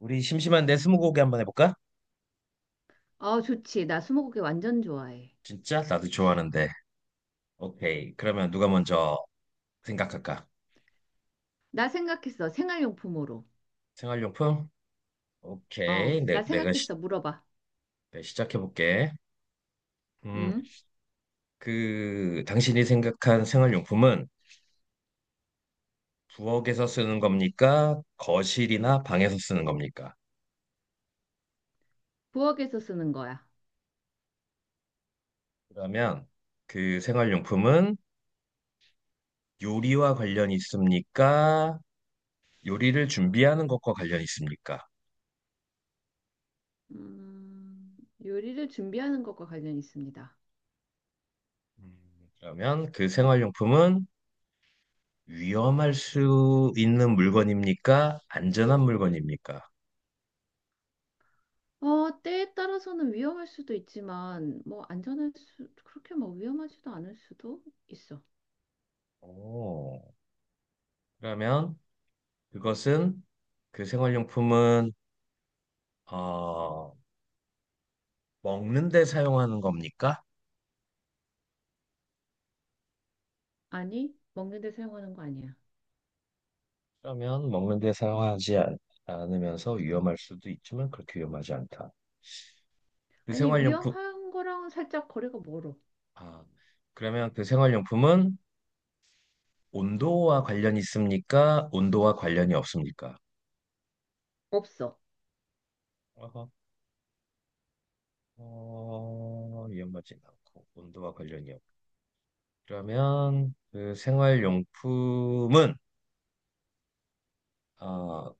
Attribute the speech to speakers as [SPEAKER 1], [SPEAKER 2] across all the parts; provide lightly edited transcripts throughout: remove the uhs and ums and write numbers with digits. [SPEAKER 1] 우리 심심한 내 스무고개 한번 해볼까?
[SPEAKER 2] 좋지. 나 스무고개 완전 좋아해.
[SPEAKER 1] 진짜? 나도 좋아하는데. 오케이. 그러면 누가 먼저 생각할까?
[SPEAKER 2] 나 생각했어. 생활용품으로.
[SPEAKER 1] 생활용품? 오케이. 내,
[SPEAKER 2] 나
[SPEAKER 1] 내가
[SPEAKER 2] 생각했어. 물어봐.
[SPEAKER 1] 작해볼게. 음,
[SPEAKER 2] 응?
[SPEAKER 1] 당신이 생각한 생활용품은 부엌에서 쓰는 겁니까, 거실이나 방에서 쓰는 겁니까?
[SPEAKER 2] 부엌에서 쓰는 거야.
[SPEAKER 1] 그러면 그 생활용품은 요리와 관련이 있습니까? 요리를 준비하는 것과 관련이 있습니까?
[SPEAKER 2] 음, 요리를 준비하는 것과 관련이 있습니다.
[SPEAKER 1] 그러면 그 생활용품은 위험할 수 있는 물건입니까, 안전한 물건입니까?
[SPEAKER 2] 때에 따라서는 위험할 수도 있지만, 뭐, 그렇게 뭐 위험하지도 않을 수도 있어.
[SPEAKER 1] 오, 그러면 그것은, 그 생활용품은, 어, 먹는 데 사용하는 겁니까?
[SPEAKER 2] 아니, 먹는 데 사용하는 거 아니야.
[SPEAKER 1] 그러면 먹는 데 사용하지 않, 않으면서 위험할 수도 있지만 그렇게 위험하지 않다. 그
[SPEAKER 2] 아니,
[SPEAKER 1] 생활용품.
[SPEAKER 2] 위험한 거랑은 살짝 거리가 멀어.
[SPEAKER 1] 아, 그러면 그 생활용품은 온도와 관련이 있습니까, 온도와 관련이 없습니까?
[SPEAKER 2] 없어.
[SPEAKER 1] 어허. 어, 위험하지 않고 온도와 관련이 없. 그러면 그 생활용품은, 어,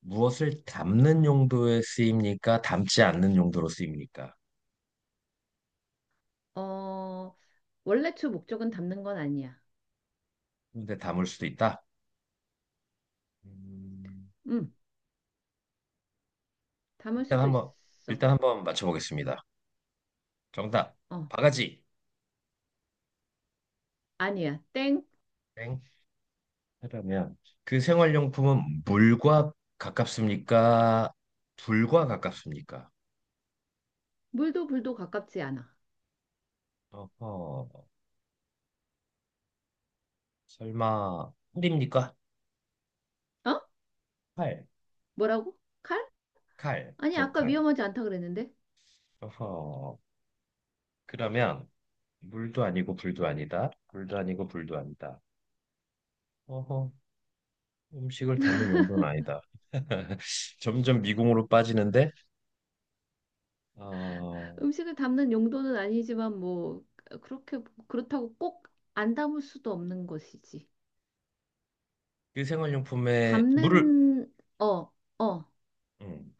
[SPEAKER 1] 무엇을 담는 용도에 쓰입니까, 담지 않는 용도로 쓰입니까?
[SPEAKER 2] 어, 원래 주 목적은 담는 건 아니야.
[SPEAKER 1] 근데 담을 수도 있다. 음,
[SPEAKER 2] 음 담을
[SPEAKER 1] 일단
[SPEAKER 2] 수도
[SPEAKER 1] 한번,
[SPEAKER 2] 있어.
[SPEAKER 1] 일단 한번 맞춰보겠습니다. 정답
[SPEAKER 2] 어.
[SPEAKER 1] 바가지.
[SPEAKER 2] 아니야. 땡.
[SPEAKER 1] 땡. 그러면 그 생활용품은 물과 가깝습니까, 불과 가깝습니까?
[SPEAKER 2] 물도 불도 가깝지 않아.
[SPEAKER 1] 어허, 설마 칼입니까?
[SPEAKER 2] 어?
[SPEAKER 1] 칼,
[SPEAKER 2] 뭐라고? 칼? 아니, 아까
[SPEAKER 1] 부엌칼.
[SPEAKER 2] 위험하지 않다 그랬는데.
[SPEAKER 1] 어허. 그러면 물도 아니고 불도 아니다. 물도 아니고 불도 아니다. 어허, 음식을 담을 용도는 아니다. 점점 미궁으로 빠지는데, 어,
[SPEAKER 2] 음식을 담는 용도는 아니지만 뭐 그렇게 그렇다고 꼭 안 담을 수도 없는 것이지.
[SPEAKER 1] 그 생활용품에 물을,
[SPEAKER 2] 담는 어, 어.
[SPEAKER 1] 음,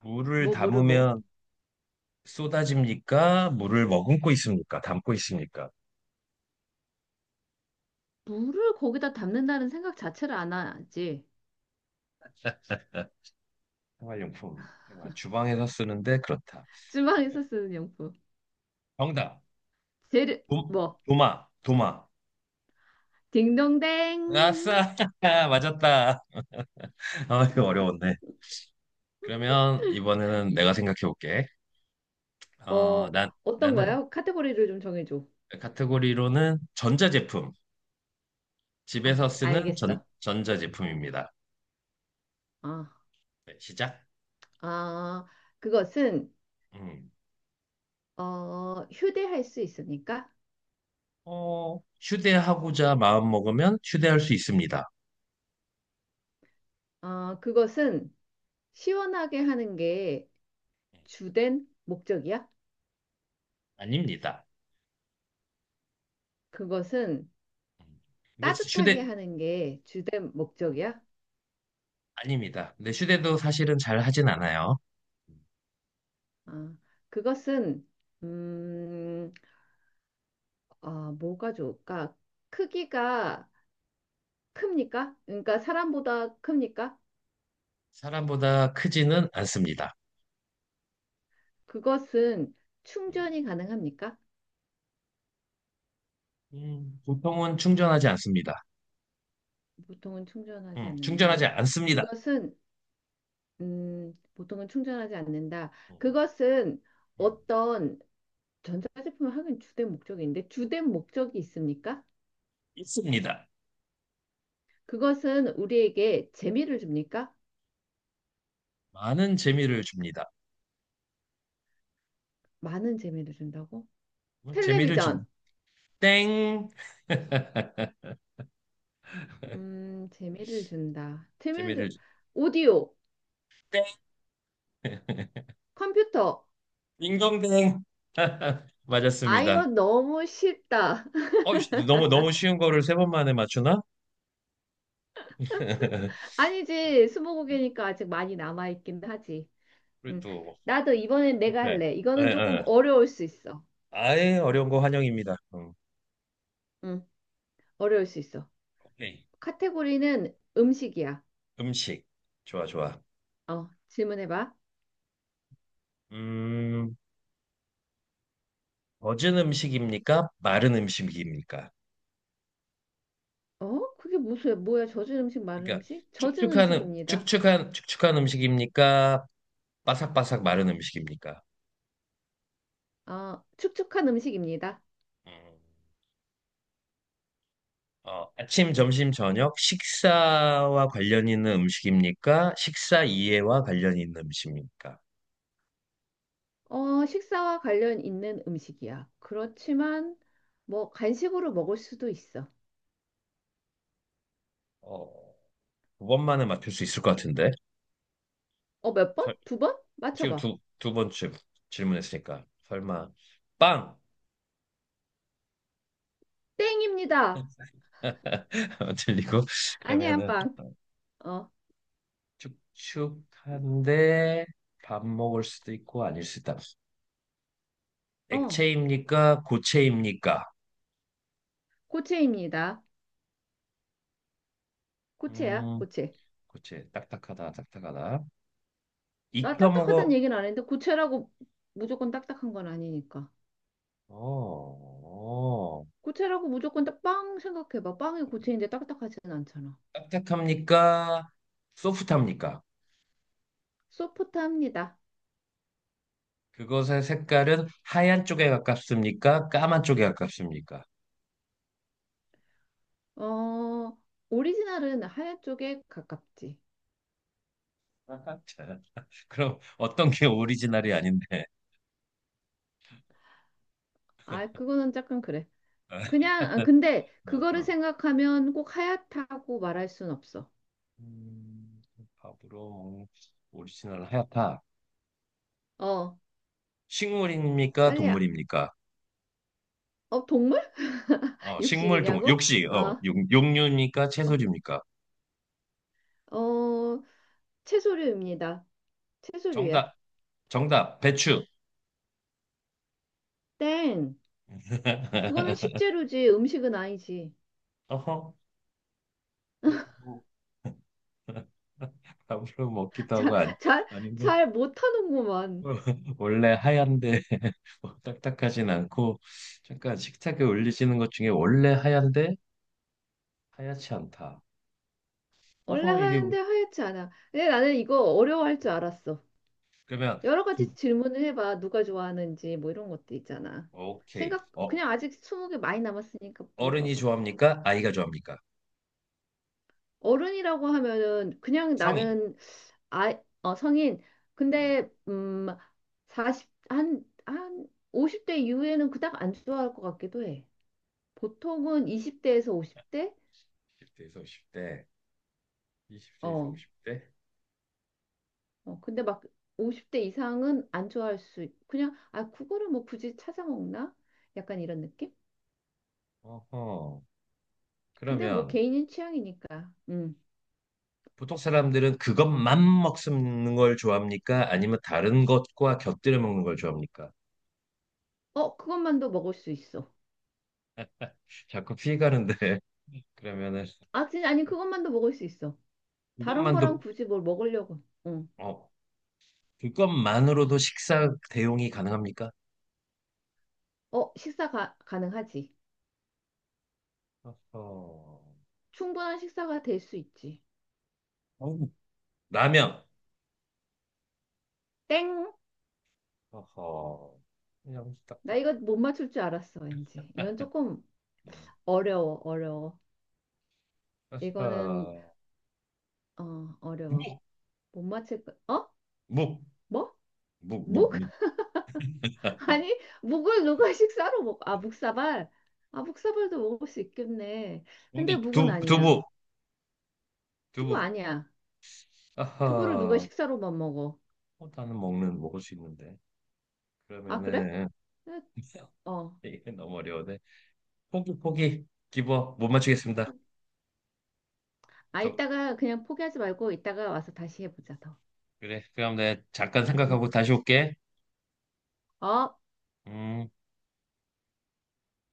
[SPEAKER 1] 물을
[SPEAKER 2] 뭐 물을 뭐?
[SPEAKER 1] 담으면 쏟아집니까? 물을 머금고 있습니까? 담고 있습니까?
[SPEAKER 2] 물을 거기다 담는다는 생각 자체를 안 하지.
[SPEAKER 1] 생활용품. 생활. 주방에서 쓰는데 그렇다.
[SPEAKER 2] 주방에서 쓰는 용품.
[SPEAKER 1] 정답.
[SPEAKER 2] 재료
[SPEAKER 1] 도,
[SPEAKER 2] 뭐
[SPEAKER 1] 도마, 도마.
[SPEAKER 2] 딩동댕.
[SPEAKER 1] 아싸! 맞았다. 아, 이거 어려웠네. 그러면 이번에는
[SPEAKER 2] 이-
[SPEAKER 1] 내가 생각해 볼게. 어,
[SPEAKER 2] 어,
[SPEAKER 1] 나,
[SPEAKER 2] 어떤
[SPEAKER 1] 나는
[SPEAKER 2] 거야? 카테고리를 좀 정해줘.
[SPEAKER 1] 카테고리로는 전자제품. 집에서
[SPEAKER 2] 아,
[SPEAKER 1] 쓰는
[SPEAKER 2] 알겠어.
[SPEAKER 1] 전자제품입니다.
[SPEAKER 2] 어.
[SPEAKER 1] 네, 시작.
[SPEAKER 2] 아, 그것은
[SPEAKER 1] 음.
[SPEAKER 2] 휴대할 수 있습니까?
[SPEAKER 1] 어, 휴대하고자 마음먹으면 휴대할 수 있습니다.
[SPEAKER 2] 그것은 시원하게 하는 게
[SPEAKER 1] 음,
[SPEAKER 2] 주된 목적이야?
[SPEAKER 1] 아닙니다.
[SPEAKER 2] 그것은
[SPEAKER 1] 음. 근데
[SPEAKER 2] 따뜻하게
[SPEAKER 1] 휴대,
[SPEAKER 2] 하는 게 주된 목적이야?
[SPEAKER 1] 아닙니다. 근데 휴대도 사실은 잘 하진 않아요. 음,
[SPEAKER 2] 어, 그것은 음, 뭐가 좋을까? 크기가 큽니까? 그러니까 사람보다 큽니까?
[SPEAKER 1] 사람보다 크지는 않습니다.
[SPEAKER 2] 그것은
[SPEAKER 1] 음,
[SPEAKER 2] 충전이 가능합니까?
[SPEAKER 1] 보통은 충전하지 않습니다.
[SPEAKER 2] 보통은 충전하지
[SPEAKER 1] 충전하지
[SPEAKER 2] 않는다.
[SPEAKER 1] 않습니다.
[SPEAKER 2] 그것은 보통은 충전하지 않는다.
[SPEAKER 1] 음.
[SPEAKER 2] 그것은
[SPEAKER 1] 음.
[SPEAKER 2] 어떤 전자제품을 하긴 주된 목적인데 주된 목적이 있습니까?
[SPEAKER 1] 있습니다.
[SPEAKER 2] 그것은 우리에게 재미를 줍니까?
[SPEAKER 1] 많은 재미를 줍니다.
[SPEAKER 2] 많은 재미를 준다고?
[SPEAKER 1] 재미를 줍
[SPEAKER 2] 텔레비전,
[SPEAKER 1] 땡.
[SPEAKER 2] 재미를 준다. 재미를
[SPEAKER 1] 재미를
[SPEAKER 2] 주...
[SPEAKER 1] 주-
[SPEAKER 2] 오디오,
[SPEAKER 1] 땡.
[SPEAKER 2] 컴퓨터.
[SPEAKER 1] 딩동댕.
[SPEAKER 2] 아,
[SPEAKER 1] 맞았습니다.
[SPEAKER 2] 이거 너무 쉽다.
[SPEAKER 1] 어, 이씨, 너무 너무 쉬운 거를 세 번 만에 맞추나?
[SPEAKER 2] 아니지, 스무고개니까 아직 많이 남아있긴 하지.
[SPEAKER 1] 그리고
[SPEAKER 2] 음,
[SPEAKER 1] 또
[SPEAKER 2] 나도 이번엔 내가
[SPEAKER 1] 오케이. 에,
[SPEAKER 2] 할래. 이거는 조금
[SPEAKER 1] 에.
[SPEAKER 2] 어려울 수 있어.
[SPEAKER 1] 아예 어려운 거 환영입니다. 음.
[SPEAKER 2] 음, 어려울 수 있어.
[SPEAKER 1] 오케이.
[SPEAKER 2] 카테고리는 음식이야.
[SPEAKER 1] 음식. 좋아, 좋아.
[SPEAKER 2] 질문해봐.
[SPEAKER 1] 음, 젖은 음식입니까, 마른 음식입니까?
[SPEAKER 2] 어? 그게 무슨, 뭐야? 젖은 음식, 마른
[SPEAKER 1] 그러니까
[SPEAKER 2] 음식? 젖은 음식입니다.
[SPEAKER 1] 축축한 음식입니까? 바삭바삭 마른 음식입니까?
[SPEAKER 2] 축축한 음식입니다.
[SPEAKER 1] 음. 어, 아침, 점심, 저녁 식사와 관련 있는 음식입니까? 식사 이해와 관련 있는 음식입니까?
[SPEAKER 2] 식사와 관련 있는 음식이야. 그렇지만, 뭐, 간식으로 먹을 수도 있어.
[SPEAKER 1] 어, 두 번만에 맞출 수 있을 것 같은데.
[SPEAKER 2] 몇 번?
[SPEAKER 1] 설-,
[SPEAKER 2] 두 번?
[SPEAKER 1] 지금
[SPEAKER 2] 맞춰봐.
[SPEAKER 1] 두 번쯤 질문했으니까 설마 빵!
[SPEAKER 2] 땡입니다.
[SPEAKER 1] 들리고
[SPEAKER 2] 아니야,
[SPEAKER 1] 그러면은
[SPEAKER 2] 빵. 어,
[SPEAKER 1] 축축한데 밥 먹을 수도 있고 아닐 수도 있다.
[SPEAKER 2] 어,
[SPEAKER 1] 액체입니까, 고체입니까?
[SPEAKER 2] 고체입니다. 고체야,
[SPEAKER 1] 음,
[SPEAKER 2] 고체.
[SPEAKER 1] 고체. 딱딱하다, 딱딱하다.
[SPEAKER 2] 나
[SPEAKER 1] 익혀
[SPEAKER 2] 딱딱하다는
[SPEAKER 1] 먹어.
[SPEAKER 2] 얘기는 안 했는데, 고체라고 무조건 딱딱한 건 아니니까.
[SPEAKER 1] 어, 어.
[SPEAKER 2] 고체라고 무조건 딱 빵 생각해봐. 빵이 고체인데 딱딱하지는 않잖아.
[SPEAKER 1] 딱딱합니까? 소프트합니까?
[SPEAKER 2] 소프트합니다.
[SPEAKER 1] 그것의 색깔은 하얀 쪽에 가깝습니까, 까만 쪽에 가깝습니까?
[SPEAKER 2] 어, 오리지널은 하얀 쪽에 가깝지.
[SPEAKER 1] 아하, 자, 그럼 어떤 게 오리지널이 아닌데?
[SPEAKER 2] 아, 그거는 약간 그래. 그냥, 아, 근데
[SPEAKER 1] 어,
[SPEAKER 2] 그거를
[SPEAKER 1] 어.
[SPEAKER 2] 생각하면 꼭 하얗다고 말할 순 없어.
[SPEAKER 1] 음, 밥으로 먹- 오리지널 하얗다.
[SPEAKER 2] 어,
[SPEAKER 1] 식물입니까,
[SPEAKER 2] 빨리야.
[SPEAKER 1] 동물입니까?
[SPEAKER 2] 어, 동물?
[SPEAKER 1] 어, 식물, 동물.
[SPEAKER 2] 육식이냐고?
[SPEAKER 1] 육식, 어,
[SPEAKER 2] 아,
[SPEAKER 1] 육, 육류입니까, 채소입니까?
[SPEAKER 2] 어, 어, 채소류입니다. 채소류야.
[SPEAKER 1] 정답, 정답, 배추.
[SPEAKER 2] 땡. 그거는 식재료지. 음식은 아니지.
[SPEAKER 1] 어허. 밥으로 먹기도 하고
[SPEAKER 2] 잘
[SPEAKER 1] 아니,
[SPEAKER 2] 잘,
[SPEAKER 1] 아닌데
[SPEAKER 2] 잘 못하는구만.
[SPEAKER 1] 원래 하얀데 뭐 딱딱하진 않고 잠깐 식탁에 올리시는 것 중에 원래 하얀데 하얗지 않다.
[SPEAKER 2] 원래
[SPEAKER 1] 어허.
[SPEAKER 2] 하는데 하얗지 않아. 근데 나는 이거 어려워할 줄 알았어.
[SPEAKER 1] 그러면
[SPEAKER 2] 여러
[SPEAKER 1] 그,
[SPEAKER 2] 가지 질문을 해봐. 누가 좋아하는지 뭐 이런 것도 있잖아.
[SPEAKER 1] 오케이.
[SPEAKER 2] 생각
[SPEAKER 1] 어,
[SPEAKER 2] 그냥 아직 스무 개 많이 남았으니까
[SPEAKER 1] 어른이
[SPEAKER 2] 물어봐봐.
[SPEAKER 1] 좋아합니까, 아이가 좋아합니까?
[SPEAKER 2] 어른이라고 하면은 그냥
[SPEAKER 1] 성인.
[SPEAKER 2] 나는 아, 성인.
[SPEAKER 1] 음,
[SPEAKER 2] 근데 40, 한 50대 이후에는 그닥 안 좋아할 것 같기도 해. 보통은 20대에서 50대?
[SPEAKER 1] 0대에서 50대. 20대에서
[SPEAKER 2] 어,
[SPEAKER 1] 50대.
[SPEAKER 2] 근데 막 50대 이상은 안 좋아할 수, 있- 그냥, 아, 그거를 뭐 굳이 찾아 먹나? 약간 이런 느낌?
[SPEAKER 1] 어허.
[SPEAKER 2] 근데 뭐
[SPEAKER 1] 그러면
[SPEAKER 2] 개인의 취향이니까. 음.
[SPEAKER 1] 보통 사람들은 그것만 먹는 걸 좋아합니까? 아니면 다른 것과 곁들여 먹는 걸 좋아합니까?
[SPEAKER 2] 그것만도 먹을 수 있어.
[SPEAKER 1] 자꾸 피해가는데 그러면은
[SPEAKER 2] 아, 진짜, 아니, 그것만도 먹을 수 있어. 다른 거랑
[SPEAKER 1] 그것만도,
[SPEAKER 2] 굳이 뭘 먹으려고. 응.
[SPEAKER 1] 어, 그것만으로도 식사 대용이 가능합니까?
[SPEAKER 2] 가능하지.
[SPEAKER 1] 어허.
[SPEAKER 2] 충분한 식사가 될 수 있지.
[SPEAKER 1] 어우, 라면.
[SPEAKER 2] 땡!
[SPEAKER 1] 어허. 그냥
[SPEAKER 2] 나
[SPEAKER 1] 딱딱.
[SPEAKER 2] 이거 못 맞출 줄 알았어, 왠지. 이건 조금
[SPEAKER 1] 음.
[SPEAKER 2] 어려워, 어려워. 이거는,
[SPEAKER 1] 어허.
[SPEAKER 2] 어려워.
[SPEAKER 1] 묵,
[SPEAKER 2] 못 맞힐 거, 어?
[SPEAKER 1] 묵,
[SPEAKER 2] 뭐?
[SPEAKER 1] 묵, 묵,
[SPEAKER 2] 묵?
[SPEAKER 1] 묵.
[SPEAKER 2] 아니, 묵을 누가 식사로 먹, 아, 묵사발? 아, 묵사발도 먹을 수 있겠네.
[SPEAKER 1] 묵.
[SPEAKER 2] 근데 묵은 아니야.
[SPEAKER 1] 두부,
[SPEAKER 2] 두부
[SPEAKER 1] 두부.
[SPEAKER 2] 아니야. 두부를 누가
[SPEAKER 1] 아하.
[SPEAKER 2] 식사로만 먹어.
[SPEAKER 1] 어, 나는 먹는 먹을 수 있는데.
[SPEAKER 2] 아, 그래?
[SPEAKER 1] 그러면은
[SPEAKER 2] 응, 어.
[SPEAKER 1] 이게 너무 어려운데. 포기, 포기. 기버 못 맞추겠습니다.
[SPEAKER 2] 아,
[SPEAKER 1] 정,
[SPEAKER 2] 이따가 그냥 포기하지 말고 이따가 와서 다시 해보자, 더.
[SPEAKER 1] 그래. 그럼 내가 잠깐
[SPEAKER 2] 응.
[SPEAKER 1] 생각하고 다시 올게.
[SPEAKER 2] 어?
[SPEAKER 1] 음.